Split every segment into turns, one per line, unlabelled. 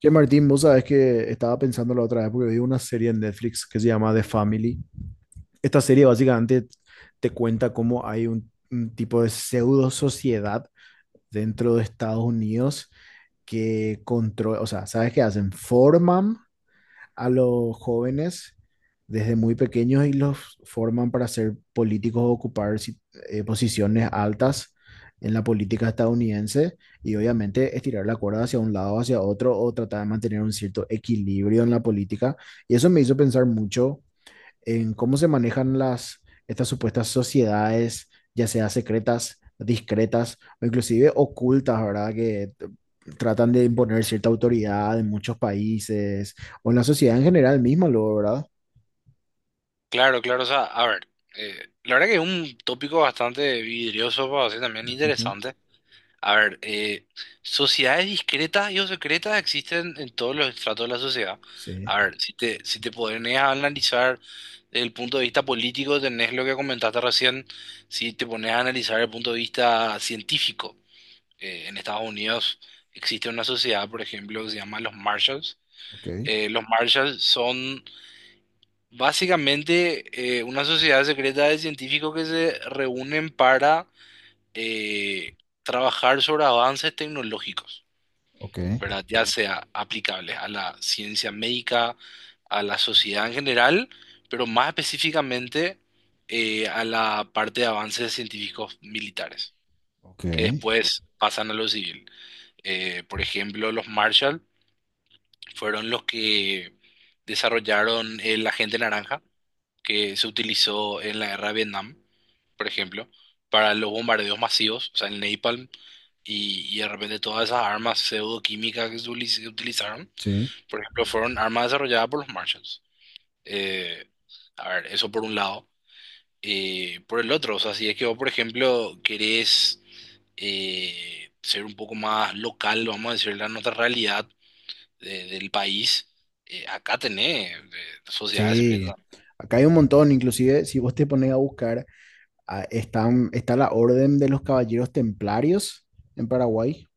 Che, Martín, vos sabés que estaba pensando la otra vez porque vi una serie en Netflix que se llama The Family. Esta serie básicamente te cuenta cómo hay un tipo de pseudo sociedad dentro de Estados Unidos que controla, o sea, ¿sabes qué hacen? Forman a los jóvenes desde muy pequeños y los forman para ser políticos o ocupar posiciones altas en la política estadounidense y obviamente estirar la cuerda hacia un lado, hacia otro o tratar de mantener un cierto equilibrio en la política. Y eso me hizo pensar mucho en cómo se manejan estas supuestas sociedades, ya sea secretas, discretas o inclusive ocultas, ¿verdad? Que tratan de imponer cierta autoridad en muchos países o en la sociedad en general misma, luego, ¿verdad?
Claro, claro, o sea, a ver, la verdad que es un tópico bastante vidrioso, para decir también
Ujú.
interesante. A ver, sociedades discretas y o secretas existen en todos los estratos de la sociedad.
Sí.
A ver, si te pones a analizar desde el punto de vista político, tenés lo que comentaste recién. Si te pones a analizar el punto de vista científico, en Estados Unidos existe una sociedad, por ejemplo, que se llama los Marshalls.
Ok,
Los Marshalls son básicamente, una sociedad secreta de científicos que se reúnen para eh, trabajar sobre avances tecnológicos,
ok,
¿verdad? Ya sea aplicables a la ciencia médica, a la sociedad en general, pero más específicamente a la parte de avances científicos militares,
ok,
que después pasan a lo civil. Por ejemplo, los Marshall fueron los que desarrollaron el agente naranja que se utilizó en la guerra de Vietnam, por ejemplo, para los bombardeos masivos, o sea, el napalm y de repente todas esas armas pseudoquímicas que se utilizaron,
sí,
por ejemplo, fueron armas desarrolladas por los Marshalls. Eh, eso por un lado. Por el otro, o sea, si es que vos, por ejemplo, querés ser un poco más local, vamos a decir, la nuestra realidad del país, acá tenés sociedades
sí.
secretas.
Acá hay un montón, inclusive si vos te pones a buscar, ah, están, está la Orden de los Caballeros Templarios en Paraguay.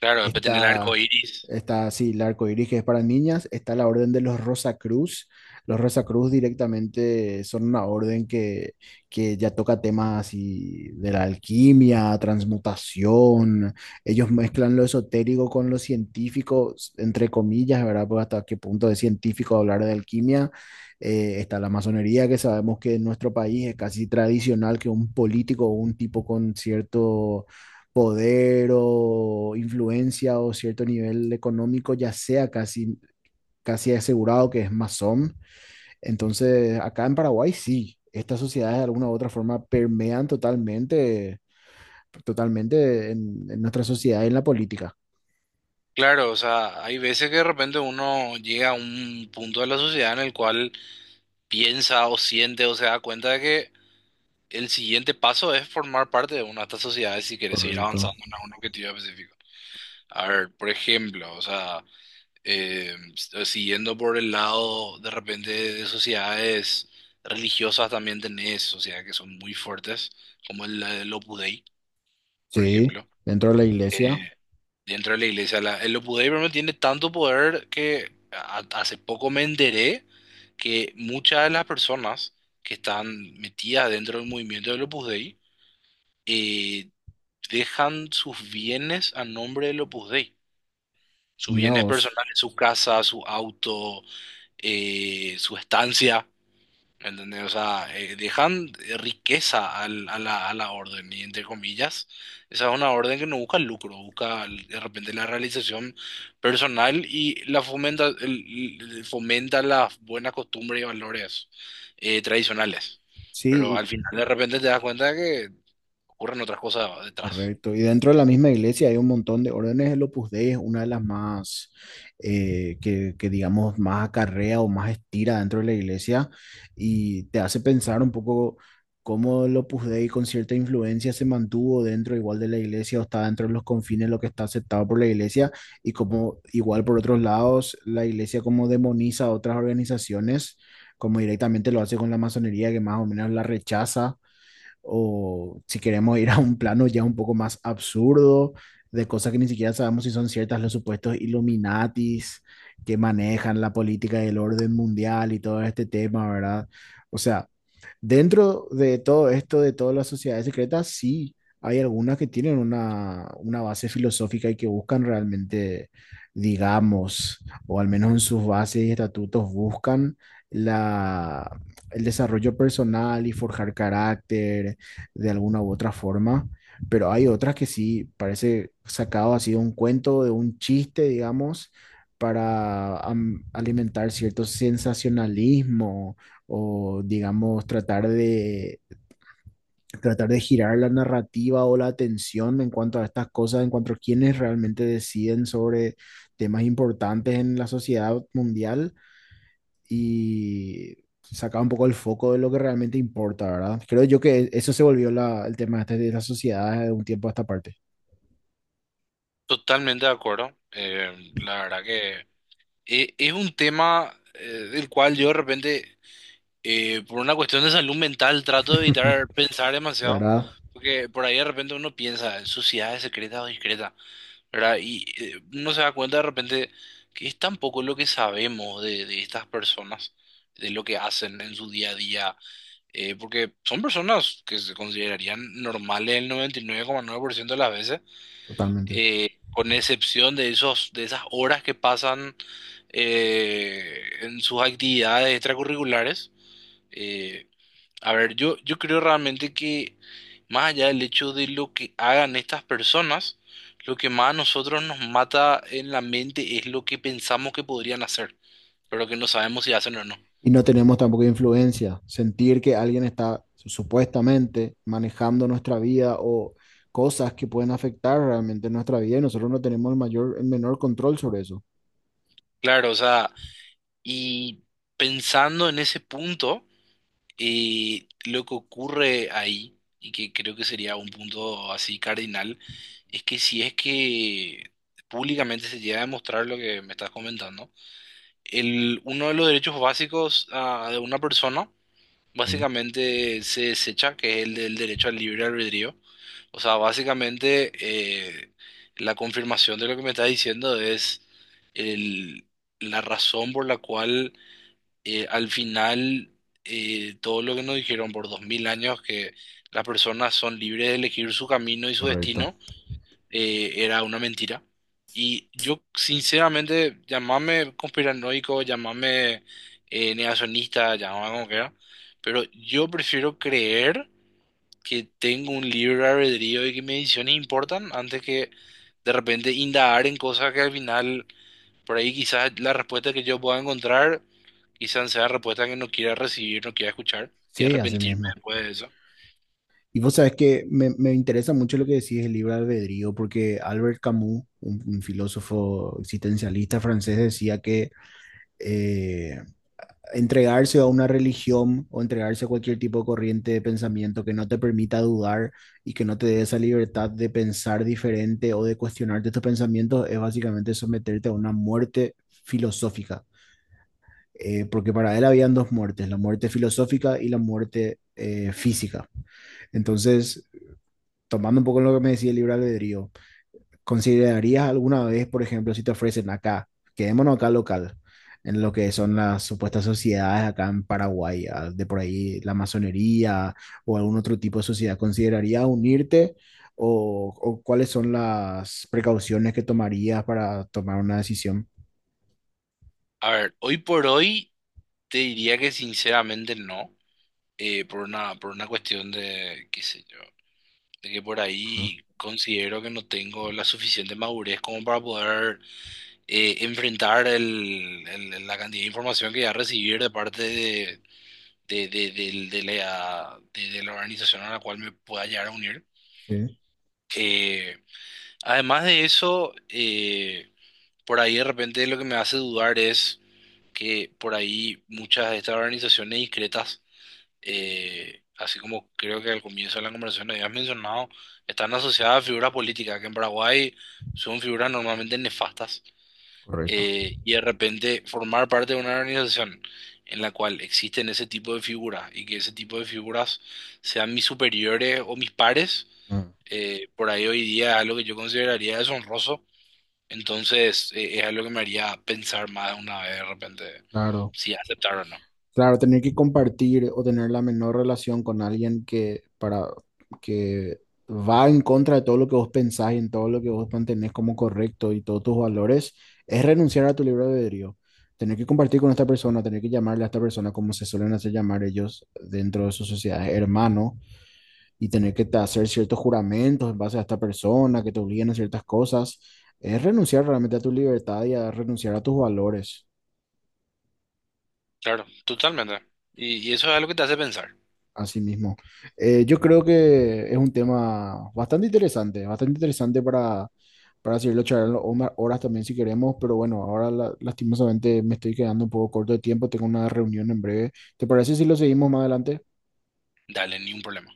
Claro, después tenés el arco
Está,
iris.
está, sí, el arco iris que es para niñas. Está la orden de los Rosacruz. Los Rosacruz directamente son una orden que ya toca temas así de la alquimia, transmutación. Ellos mezclan lo esotérico con lo científico, entre comillas, ¿verdad? Pues hasta qué punto es científico hablar de alquimia. Está la masonería, que sabemos que en nuestro país es casi tradicional que un político o un tipo con cierto poder o influencia o cierto nivel económico ya sea casi, casi asegurado que es masón. Entonces, acá en Paraguay sí, estas sociedades de alguna u otra forma permean totalmente, totalmente en nuestra sociedad y en la política.
Claro, o sea, hay veces que de repente uno llega a un punto de la sociedad en el cual piensa o siente o se da cuenta de que el siguiente paso es formar parte de una de estas sociedades si quieres seguir
Correcto.
avanzando en algún objetivo específico. A ver, por ejemplo, o sea, siguiendo por el lado de repente de sociedades religiosas también tenés sociedades que son muy fuertes, como el Opus Dei, por
Sí,
ejemplo.
dentro de la iglesia,
Eh, dentro de la iglesia. El Opus Dei, por ejemplo, tiene tanto poder que hace poco me enteré que muchas de las personas que están metidas dentro del movimiento del Opus Dei eh, dejan sus bienes a nombre del Opus Dei. Sus
mira
bienes
vos.
personales, su casa, su auto, su estancia. ¿Entendés? O sea, dejan riqueza a a la orden, y entre comillas, esa es una orden que no busca lucro, busca de repente la realización personal y la fomenta, fomenta las buenas costumbres y valores tradicionales. Pero
Sí.
al final de repente te das cuenta de que ocurren otras cosas detrás.
Correcto. Y dentro de la misma iglesia hay un montón de órdenes. El Opus Dei es una de las más, que digamos, más acarrea o más estira dentro de la iglesia y te hace pensar un poco cómo el Opus Dei con cierta influencia se mantuvo dentro igual de la iglesia o está dentro de los confines de lo que está aceptado por la iglesia y como igual por otros lados la iglesia como demoniza a otras organizaciones, como directamente lo hace con la masonería que más o menos la rechaza o si queremos ir a un plano ya un poco más absurdo, de cosas que ni siquiera sabemos si son ciertas, los supuestos Illuminatis que manejan la política y el orden mundial y todo este tema, ¿verdad? O sea, dentro de todo esto, de todas las sociedades secretas, sí, hay algunas que tienen una base filosófica y que buscan realmente, digamos, o al menos en sus bases y estatutos, buscan la el desarrollo personal y forjar carácter de alguna u otra forma, pero hay otras que sí parece sacado así de un cuento, de un chiste, digamos, para alimentar cierto sensacionalismo o, digamos, tratar de girar la narrativa o la atención en cuanto a estas cosas, en cuanto a quienes realmente deciden sobre temas importantes en la sociedad mundial y sacaba un poco el foco de lo que realmente importa, ¿verdad? Creo yo que eso se volvió el tema este de la sociedad de un tiempo a esta parte.
Totalmente de acuerdo. La verdad que es un tema del cual yo de repente, por una cuestión de salud mental, trato de evitar pensar demasiado,
¿Verdad?
porque por ahí de repente uno piensa en sociedades secretas o discretas, ¿verdad? Uno se da cuenta de repente que es tan poco lo que sabemos de estas personas, de lo que hacen en su día a día, porque son personas que se considerarían normales el 99,9% de las veces,
Totalmente.
con excepción de esas horas que pasan en sus actividades extracurriculares. eh, yo creo realmente que más allá del hecho de lo que hagan estas personas, lo que más a nosotros nos mata en la mente es lo que pensamos que podrían hacer, pero que no sabemos si hacen o no.
Y no tenemos tampoco influencia. Sentir que alguien está supuestamente manejando nuestra vida o cosas que pueden afectar realmente nuestra vida y nosotros no tenemos el mayor, el menor control sobre eso.
Claro, o sea, y pensando en ese punto, lo que ocurre ahí, y que creo que sería un punto así cardinal, es que si es que públicamente se llega a demostrar lo que me estás comentando, uno de los derechos básicos de una persona
Sí,
básicamente se desecha, que es el del derecho al libre albedrío. O sea, básicamente la confirmación de lo que me estás diciendo es el, la razón por la cual al final todo lo que nos dijeron por dos mil años que las personas son libres de elegir su camino y su
correcto.
destino era una mentira. Y yo, sinceramente, llamame conspiranoico, llamame negacionista, llamame como quiera, pero yo prefiero creer que tengo un libre albedrío y que mis decisiones importan antes que de repente indagar en cosas que al final, por ahí quizás la respuesta que yo pueda encontrar, quizás sea la respuesta que no quiera recibir, no quiera escuchar y
Sí, así
arrepentirme
mismo.
después de eso.
Y vos sabés que me interesa mucho lo que decís del libre albedrío, porque Albert Camus, un filósofo existencialista francés, decía que eh, entregarse a una religión o entregarse a cualquier tipo de corriente de pensamiento que no te permita dudar y que no te dé esa libertad de pensar diferente o de cuestionarte estos pensamientos es básicamente someterte a una muerte filosófica. Porque para él habían dos muertes, la muerte filosófica y la muerte física. Entonces, tomando un poco lo que me decía el libre albedrío, ¿considerarías alguna vez, por ejemplo, si te ofrecen acá, quedémonos acá local, en lo que son las supuestas sociedades acá en Paraguay, ah, de por ahí la masonería o algún otro tipo de sociedad? ¿Considerarías unirte o cuáles son las precauciones que tomarías para tomar una decisión?
A ver, hoy por hoy te diría que sinceramente no. Por una cuestión de, qué sé yo, de que por
Ajá.
ahí considero que no tengo la suficiente madurez como para poder enfrentar la cantidad de información que voy a recibir de parte de, del- de la organización a la cual me pueda llegar a unir.
Sí,
Eh, además de eso, por ahí de repente lo que me hace dudar es que por ahí muchas de estas organizaciones discretas así como creo que al comienzo de la conversación habías mencionado, están asociadas a figuras políticas, que en Paraguay son figuras normalmente nefastas,
correcto.
y de repente formar parte de una organización en la cual existen ese tipo de figuras y que ese tipo de figuras sean mis superiores o mis pares,
Ah.
por ahí hoy día es algo que yo consideraría deshonroso, entonces es algo que me haría pensar más de una vez de repente
Claro.
si aceptar o no.
Claro, tener que compartir o tener la menor relación con alguien que, para, que va en contra de todo lo que vos pensás y en todo lo que vos mantenés como correcto y todos tus valores, es renunciar a tu libre albedrío. Tener que compartir con esta persona, tener que llamarle a esta persona como se suelen hacer llamar ellos dentro de sus sociedades, hermano, y tener que hacer ciertos juramentos en base a esta persona, que te obliguen a ciertas cosas, es renunciar realmente a tu libertad y a renunciar a tus valores.
Claro, totalmente. Y eso es algo que te hace pensar.
Así mismo. Yo creo que es un tema bastante interesante para seguirlo charlando o más horas también si queremos, pero bueno, ahora lastimosamente me estoy quedando un poco corto de tiempo, tengo una reunión en breve. ¿Te parece si lo seguimos más adelante?
Dale, ni un problema.